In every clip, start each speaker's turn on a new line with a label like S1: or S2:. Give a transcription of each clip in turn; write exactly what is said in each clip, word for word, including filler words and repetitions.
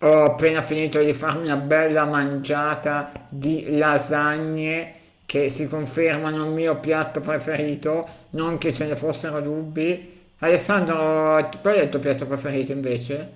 S1: Ho appena finito di farmi una bella mangiata di lasagne che si confermano il mio piatto preferito, non che ce ne fossero dubbi. Alessandro, t- qual è il tuo piatto preferito invece?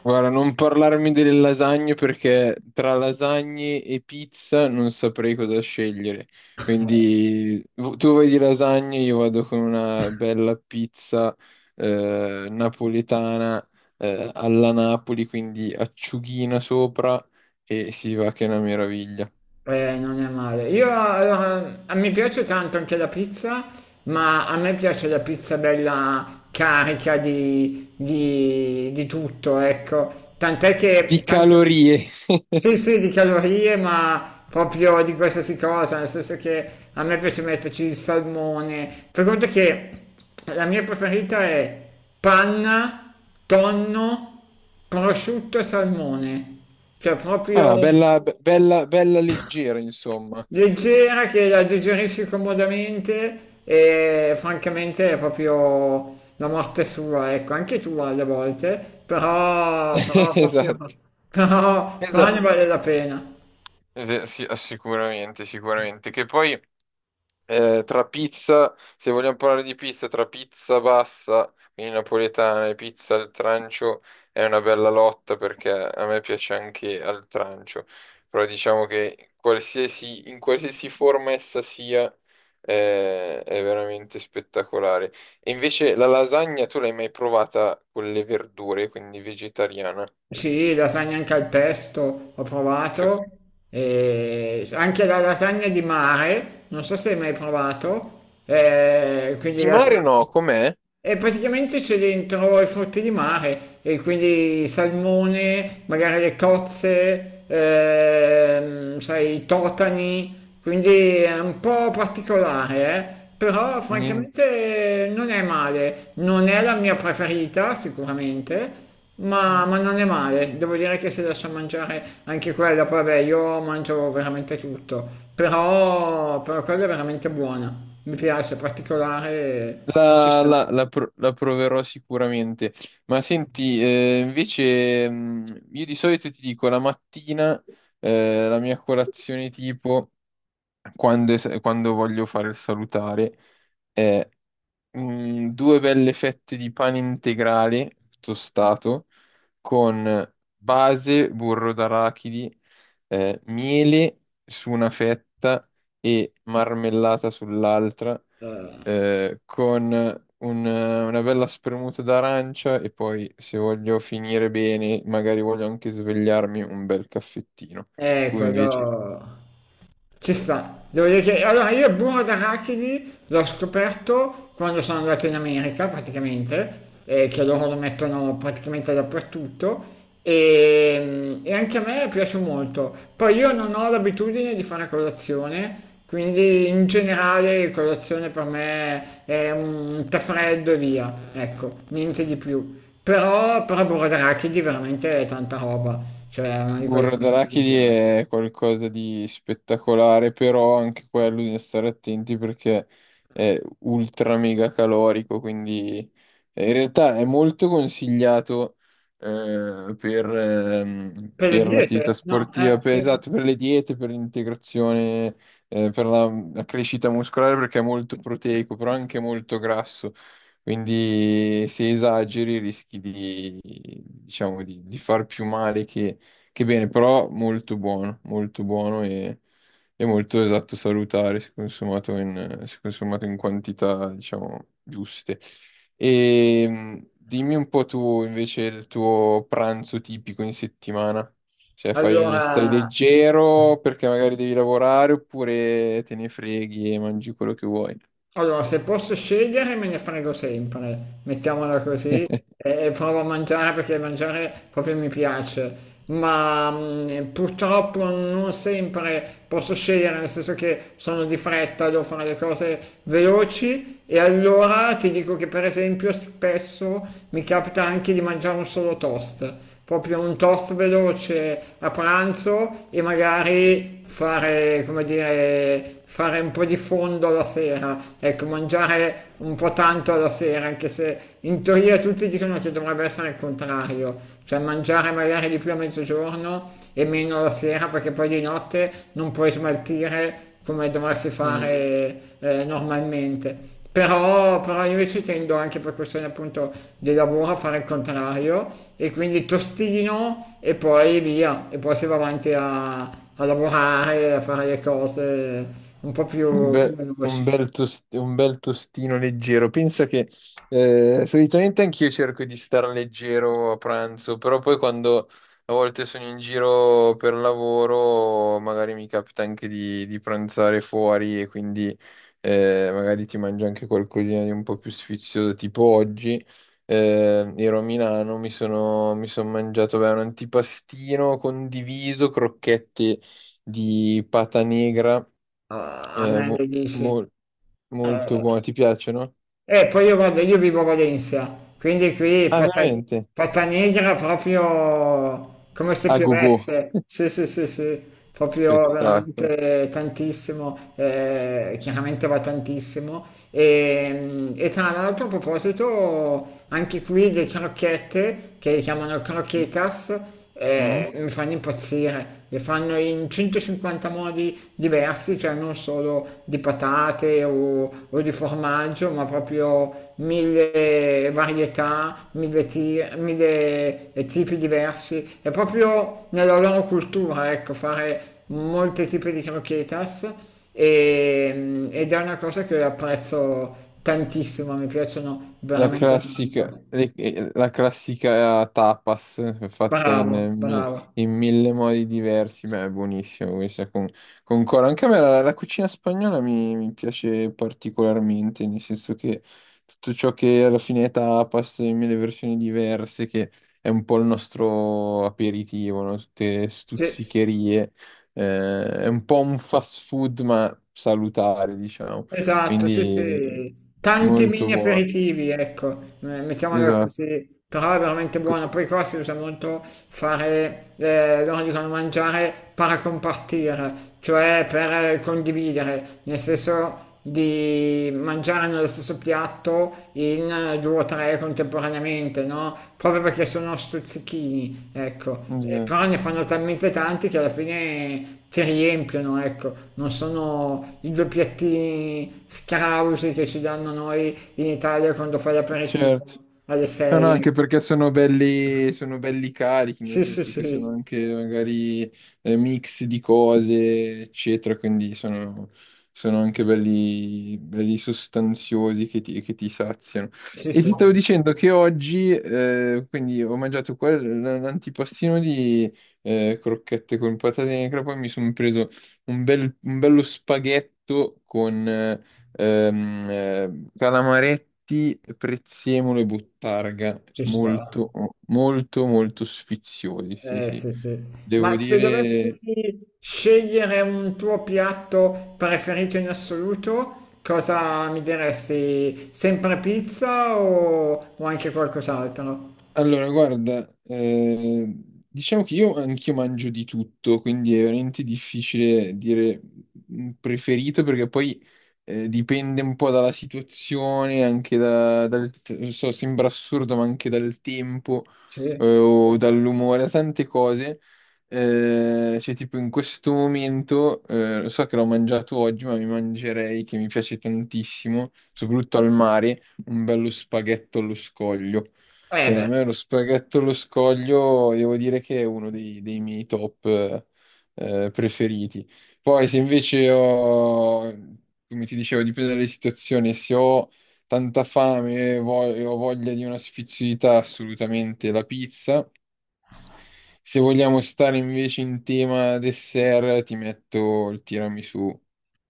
S2: Guarda, non parlarmi delle lasagne perché tra lasagne e pizza non saprei cosa scegliere. Quindi v- tu vai di lasagne, io vado con una bella pizza eh, napoletana, eh, alla Napoli, quindi acciughina sopra e si va che è una meraviglia.
S1: Eh, non è male. Io allora, a me piace tanto anche la pizza, ma a me piace la pizza bella carica di, di, di tutto, ecco. Tant'è che
S2: Di
S1: tante-
S2: calorie.
S1: Sì, sì, di calorie, ma proprio di qualsiasi cosa, nel senso che a me piace metterci il salmone. Fai conto che la mia preferita è panna, tonno, prosciutto e salmone. Cioè proprio
S2: Ah, bella, be- bella, bella leggera, insomma.
S1: leggera, che la digerisci comodamente e francamente è proprio la morte sua, ecco, anche tu alle volte, però, però proprio...
S2: Esatto.
S1: Però, però
S2: Esatto.
S1: ne vale la pena.
S2: Eh, sì, sicuramente, sicuramente. Che poi, eh, tra pizza, se vogliamo parlare di pizza, tra pizza bassa, quindi napoletana, e pizza al trancio è una bella lotta perché a me piace anche al trancio. Però diciamo che qualsiasi- in qualsiasi forma essa sia, eh, è veramente spettacolare. E invece la lasagna tu l'hai mai provata con le verdure, quindi vegetariana?
S1: Sì, lasagna anche al pesto, ho
S2: Che...
S1: provato, e anche la lasagna di mare, non so se hai mai provato, eh, quindi
S2: Di mare
S1: lasagna...
S2: no, com'è?
S1: E praticamente c'è dentro i frutti di mare, e quindi salmone, magari le cozze, ehm, sai, i totani, quindi è un po' particolare, eh? Però
S2: Niente.
S1: francamente non è male, non è la mia preferita sicuramente, ma, ma non è male, devo dire che se lascia mangiare anche quella, poi vabbè io mangio veramente tutto, però, però quella è veramente buona, mi piace, particolare, ci
S2: La,
S1: sta.
S2: la- la pro- la proverò sicuramente. Ma senti, eh, invece, mh, io di solito ti dico la mattina, eh, la mia colazione tipo, quando, es- quando voglio fare il salutare, è mh, due belle fette di pane integrale tostato con base, burro d'arachidi, eh, miele su una fetta e marmellata sull'altra, eh, con un- una bella spremuta d'arancia e poi, se voglio finire bene, magari voglio anche svegliarmi, un bel caffettino.
S1: Eh,
S2: Tu invece?
S1: quello ci sta. Devo dire che allora io il burro d'arachidi l'ho scoperto quando sono andato in America praticamente, eh, che loro lo mettono praticamente dappertutto e, mm, e anche a me piace molto. Poi io non ho l'abitudine di fare colazione, quindi in generale colazione per me è un tè freddo e via, ecco, niente di più. Però, però burro d'arachidi veramente è tanta roba, cioè è una di quelle
S2: Burro
S1: cose che mi
S2: d'arachidi
S1: piace.
S2: è qualcosa di spettacolare, però anche quello bisogna stare attenti perché è ultra mega calorico, quindi, eh, in realtà è molto consigliato eh, per, ehm,
S1: Per le
S2: per
S1: diete?
S2: l'attività
S1: No, eh
S2: sportiva, per,
S1: sì.
S2: esatto, per le diete, per l'integrazione, eh, per la, la crescita muscolare perché è molto proteico, però anche molto grasso. Quindi se esageri rischi di, diciamo, di, di far più male che che bene, però molto buono, molto buono e, e molto esatto salutare se consumato in, se consumato in quantità, diciamo, giuste. E, mh, dimmi un po' tu invece il tuo pranzo tipico in settimana. Cioè, fai, stai
S1: Allora,
S2: leggero perché magari devi lavorare oppure te ne freghi e mangi quello che vuoi.
S1: allora, se posso scegliere me ne frego sempre, mettiamola così, e, e provo a mangiare perché mangiare proprio mi piace, ma mh, purtroppo non sempre posso scegliere, nel senso che sono di fretta, devo fare le cose veloci e allora ti dico che per esempio spesso mi capita anche di mangiare un solo toast. Proprio un toast veloce a pranzo e magari fare, come dire, fare un po' di fondo alla sera, ecco, mangiare un po' tanto alla sera, anche se in teoria tutti dicono che dovrebbe essere il contrario, cioè mangiare magari di più a mezzogiorno e meno alla sera, perché poi di notte non puoi smaltire come dovresti fare eh, normalmente. Però, però io ci tendo anche per questione appunto di lavoro a fare il contrario e quindi tostino e poi via, e poi si va avanti a, a lavorare, a fare le cose un po'
S2: Un
S1: più, più
S2: be- un
S1: veloci.
S2: bel, tost- un bel tostino leggero. Pensa che, eh, solitamente anch'io cerco di star leggero a pranzo, però poi quando a volte sono in giro per lavoro, magari mi capita anche di, di pranzare fuori e quindi, eh, magari ti mangi anche qualcosina di un po' più sfizioso, tipo oggi. Eh, ero a Milano, mi sono, mi sono mangiato, beh, un antipastino condiviso, crocchette di pata negra.
S1: A, a
S2: eh,
S1: me
S2: mo-
S1: le dici.
S2: mol- molto
S1: Eh,
S2: buono, ti piacciono?
S1: E poi io vado, io vivo a Valencia, quindi qui
S2: Ah,
S1: Pata-
S2: veramente?
S1: Patanegra proprio come se
S2: A go go.
S1: piovesse, sì sì sì sì, proprio
S2: Spettacolo.
S1: veramente tantissimo, eh, chiaramente va tantissimo. E, e tra l'altro a proposito, anche qui le crocchette, che chiamano
S2: Mm?
S1: croquetas,
S2: Mm?
S1: eh, mi fanno impazzire, le fanno in centocinquanta modi diversi, cioè non solo di patate o, o di formaggio, ma proprio mille varietà, mille, ti- mille tipi diversi. È proprio nella loro cultura, ecco, fare molti tipi di croquetas e- ed è una cosa che apprezzo tantissimo, mi piacciono
S2: La
S1: veramente
S2: classica,
S1: tanto.
S2: le- eh, la classica tapas, eh, fatta in,
S1: Bravo,
S2: eh, mi-
S1: bravo.
S2: in mille modi diversi, ma è buonissimo questa con, con coro. Anche a me la, la cucina spagnola mi, mi piace particolarmente, nel senso che tutto ciò che alla fine è tapas, in mille versioni diverse, che è un po' il nostro aperitivo, no? Tutte
S1: Sì.
S2: stuzzicherie, eh, è un po' un fast food, ma salutare, diciamo.
S1: Esatto, sì,
S2: Quindi
S1: sì, tanti
S2: molto
S1: mini
S2: buono.
S1: aperitivi, ecco, eh, mettiamola
S2: Esatto,
S1: così, però è veramente buono. Poi qua si usa molto fare, eh, loro dicono mangiare paracompartire, cioè per eh, condividere, nel senso di mangiare nello stesso piatto in eh, due o tre contemporaneamente, no? Proprio perché sono stuzzichini, ecco. Eh, però
S2: esatto,
S1: ne fanno talmente tanti che alla fine ti riempiono, ecco. Non sono i due piattini scrausi che ci danno noi in Italia quando fai l'aperitivo
S2: certo.
S1: alle
S2: No, no,
S1: sei.
S2: anche perché sono belli, sono belli carichi, nel
S1: Sì, sì,
S2: senso che sono
S1: sì,
S2: anche magari, eh, mix di cose, eccetera, quindi sono, sono anche belli, belli sostanziosi che ti, che ti saziano.
S1: sì,
S2: E
S1: sì,
S2: ti stavo dicendo che oggi, eh, quindi ho mangiato quel- l'antipastino di, eh, crocchette con patate in crema, poi mi sono preso un bel- un bello spaghetto, Ehm, eh, calamaretti, prezzemolo e buttarga,
S1: ci sta.
S2: molto, molto, molto sfiziosi, sì,
S1: Eh,
S2: sì.
S1: sì, sì. Ma
S2: Devo
S1: se dovessi
S2: dire.
S1: scegliere un tuo piatto preferito in assoluto, cosa mi diresti? Sempre pizza o, o anche qualcos'altro?
S2: Allora, guarda, eh, diciamo che io anch'io mangio di tutto, quindi è veramente difficile dire un preferito perché poi, eh, dipende un po' dalla situazione, anche da- dal, non so, sembra assurdo, ma anche dal tempo
S1: Sì.
S2: eh, o dall'umore, da tante cose. Eh, cioè, tipo in questo momento, eh, lo so che l'ho mangiato oggi, ma mi mangerei, che mi piace tantissimo, soprattutto al mare, un bello spaghetto allo scoglio.
S1: Eh
S2: Cioè, a
S1: beh,
S2: me lo spaghetto allo scoglio devo dire che è uno dei, dei miei top, eh, eh, preferiti. Poi se invece ho, come ti dicevo, dipende dalle situazioni, se ho tanta fame e vo- e ho voglia di una sfiziosità, assolutamente la pizza. Se vogliamo stare invece in tema dessert, ti metto il tiramisù,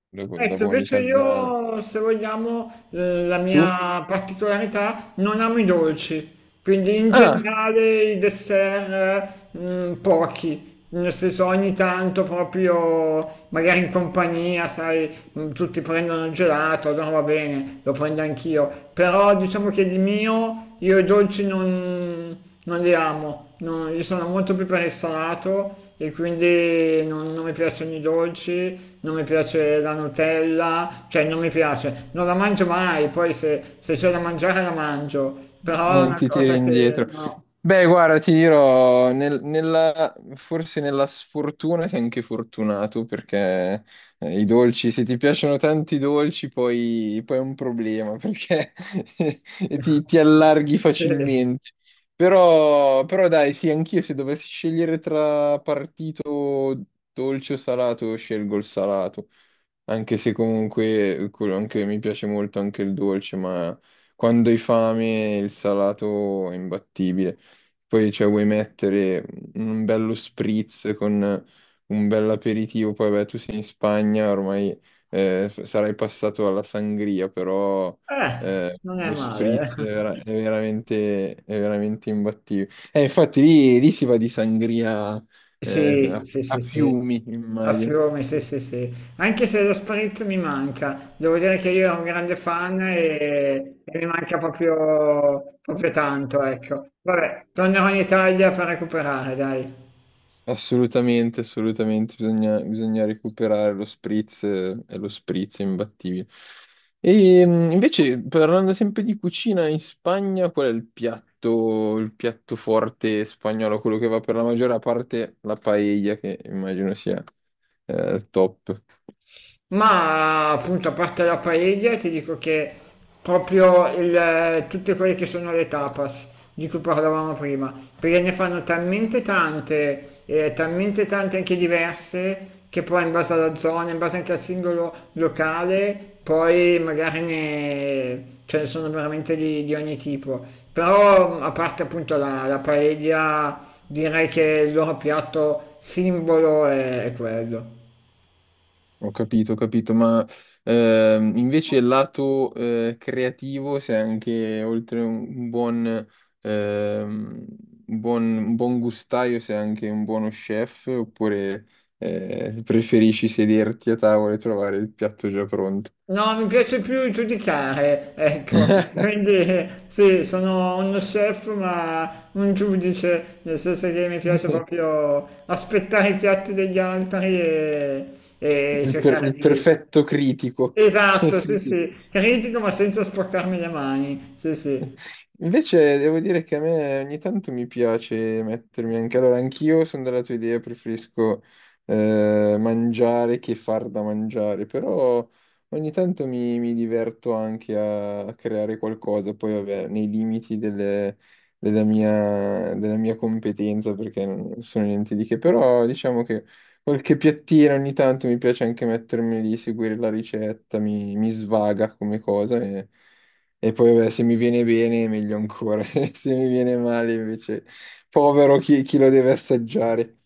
S2: da, bu- da
S1: ecco,
S2: buon
S1: invece
S2: italiano.
S1: io, se vogliamo, eh, la
S2: Tu?
S1: mia particolarità, non amo i dolci, quindi in
S2: Ah,
S1: generale i dessert eh, mm, pochi, nel senso ogni tanto proprio, magari in compagnia, sai, mm, tutti prendono il gelato, allora va bene, lo prendo anch'io, però diciamo che di mio io i dolci non non li amo, non- io sono molto più per il salato e quindi non, non mi piacciono i dolci, non mi piace la Nutella, cioè non mi piace, non la mangio mai, poi se, se c'è da mangiare la mangio, però è
S2: non
S1: una
S2: ti tiri
S1: cosa che
S2: indietro.
S1: no,
S2: Beh, guarda, ti dirò, nel- nella- forse nella sfortuna sei anche fortunato perché, eh, i dolci, se ti piacciono tanti dolci, poi, poi è un problema perché ti, ti allarghi
S1: sì, eh,
S2: facilmente. Però, però dai, sì, anch'io se dovessi scegliere tra partito dolce o salato, scelgo il salato. Anche se comunque quello anche- mi piace molto anche il dolce, ma quando hai fame il salato è imbattibile. Poi cioè, vuoi mettere un bello spritz con un bel aperitivo, poi beh, tu sei in Spagna, ormai, eh, sarai passato alla sangria, però, eh,
S1: non è
S2: lo spritz
S1: male.
S2: è, vera- è veramente, è veramente imbattibile. Eh, infatti lì, lì si va di sangria, eh,
S1: Sì,
S2: a,
S1: sì,
S2: a
S1: sì, sì.
S2: fiumi,
S1: A
S2: immagino.
S1: Fiume, sì, sì, sì. Anche se lo spritz mi manca, devo dire che io ero un grande fan e, e mi manca proprio, proprio tanto, ecco. Vabbè, tornerò in Italia per recuperare, dai.
S2: Assolutamente, assolutamente, bisogna, bisogna recuperare lo spritz, eh, e lo spritz è imbattibile. E, mh, invece, parlando sempre di cucina in Spagna, qual è il piatto, il piatto forte spagnolo, quello che va per la maggiore parte la paella, che immagino sia, eh, il top.
S1: Ma appunto, a parte la paella, ti dico che proprio il- tutte quelle che sono le tapas di cui parlavamo prima, perché ne fanno talmente tante, e talmente tante anche diverse, che poi in base alla zona, in base anche al singolo locale, poi magari ne, ce ne sono veramente di, di ogni tipo. Però a parte appunto la, la paella, direi che il loro piatto simbolo è è quello.
S2: Ho capito, ho capito, ma ehm, invece il lato, eh, creativo, se anche oltre un buon, ehm, un buon, un buon gustaio, sei anche un buono chef, oppure eh, preferisci sederti a tavola e trovare il piatto già pronto?
S1: No, mi piace più giudicare, ecco, quindi eh, sì, sono uno chef ma un giudice, nel senso che mi piace proprio aspettare i piatti degli altri e, e
S2: Il, per-
S1: cercare
S2: il
S1: di...
S2: perfetto critico.
S1: Esatto, sì,
S2: Critico.
S1: sì, critico ma senza sporcarmi le mani, sì, sì.
S2: Invece devo dire che a me ogni tanto mi piace mettermi anche, allora anch'io sono della tua idea, preferisco, eh, mangiare che far da mangiare, però ogni tanto mi, mi diverto anche a, a creare qualcosa, poi vabbè, nei limiti delle- della mia, della mia competenza, perché non sono niente di che, però diciamo che qualche piattina ogni tanto mi piace anche mettermi lì, seguire la ricetta, mi, mi svaga come cosa. E e poi beh, se mi viene bene meglio ancora, se mi viene male invece povero chi, chi lo deve assaggiare.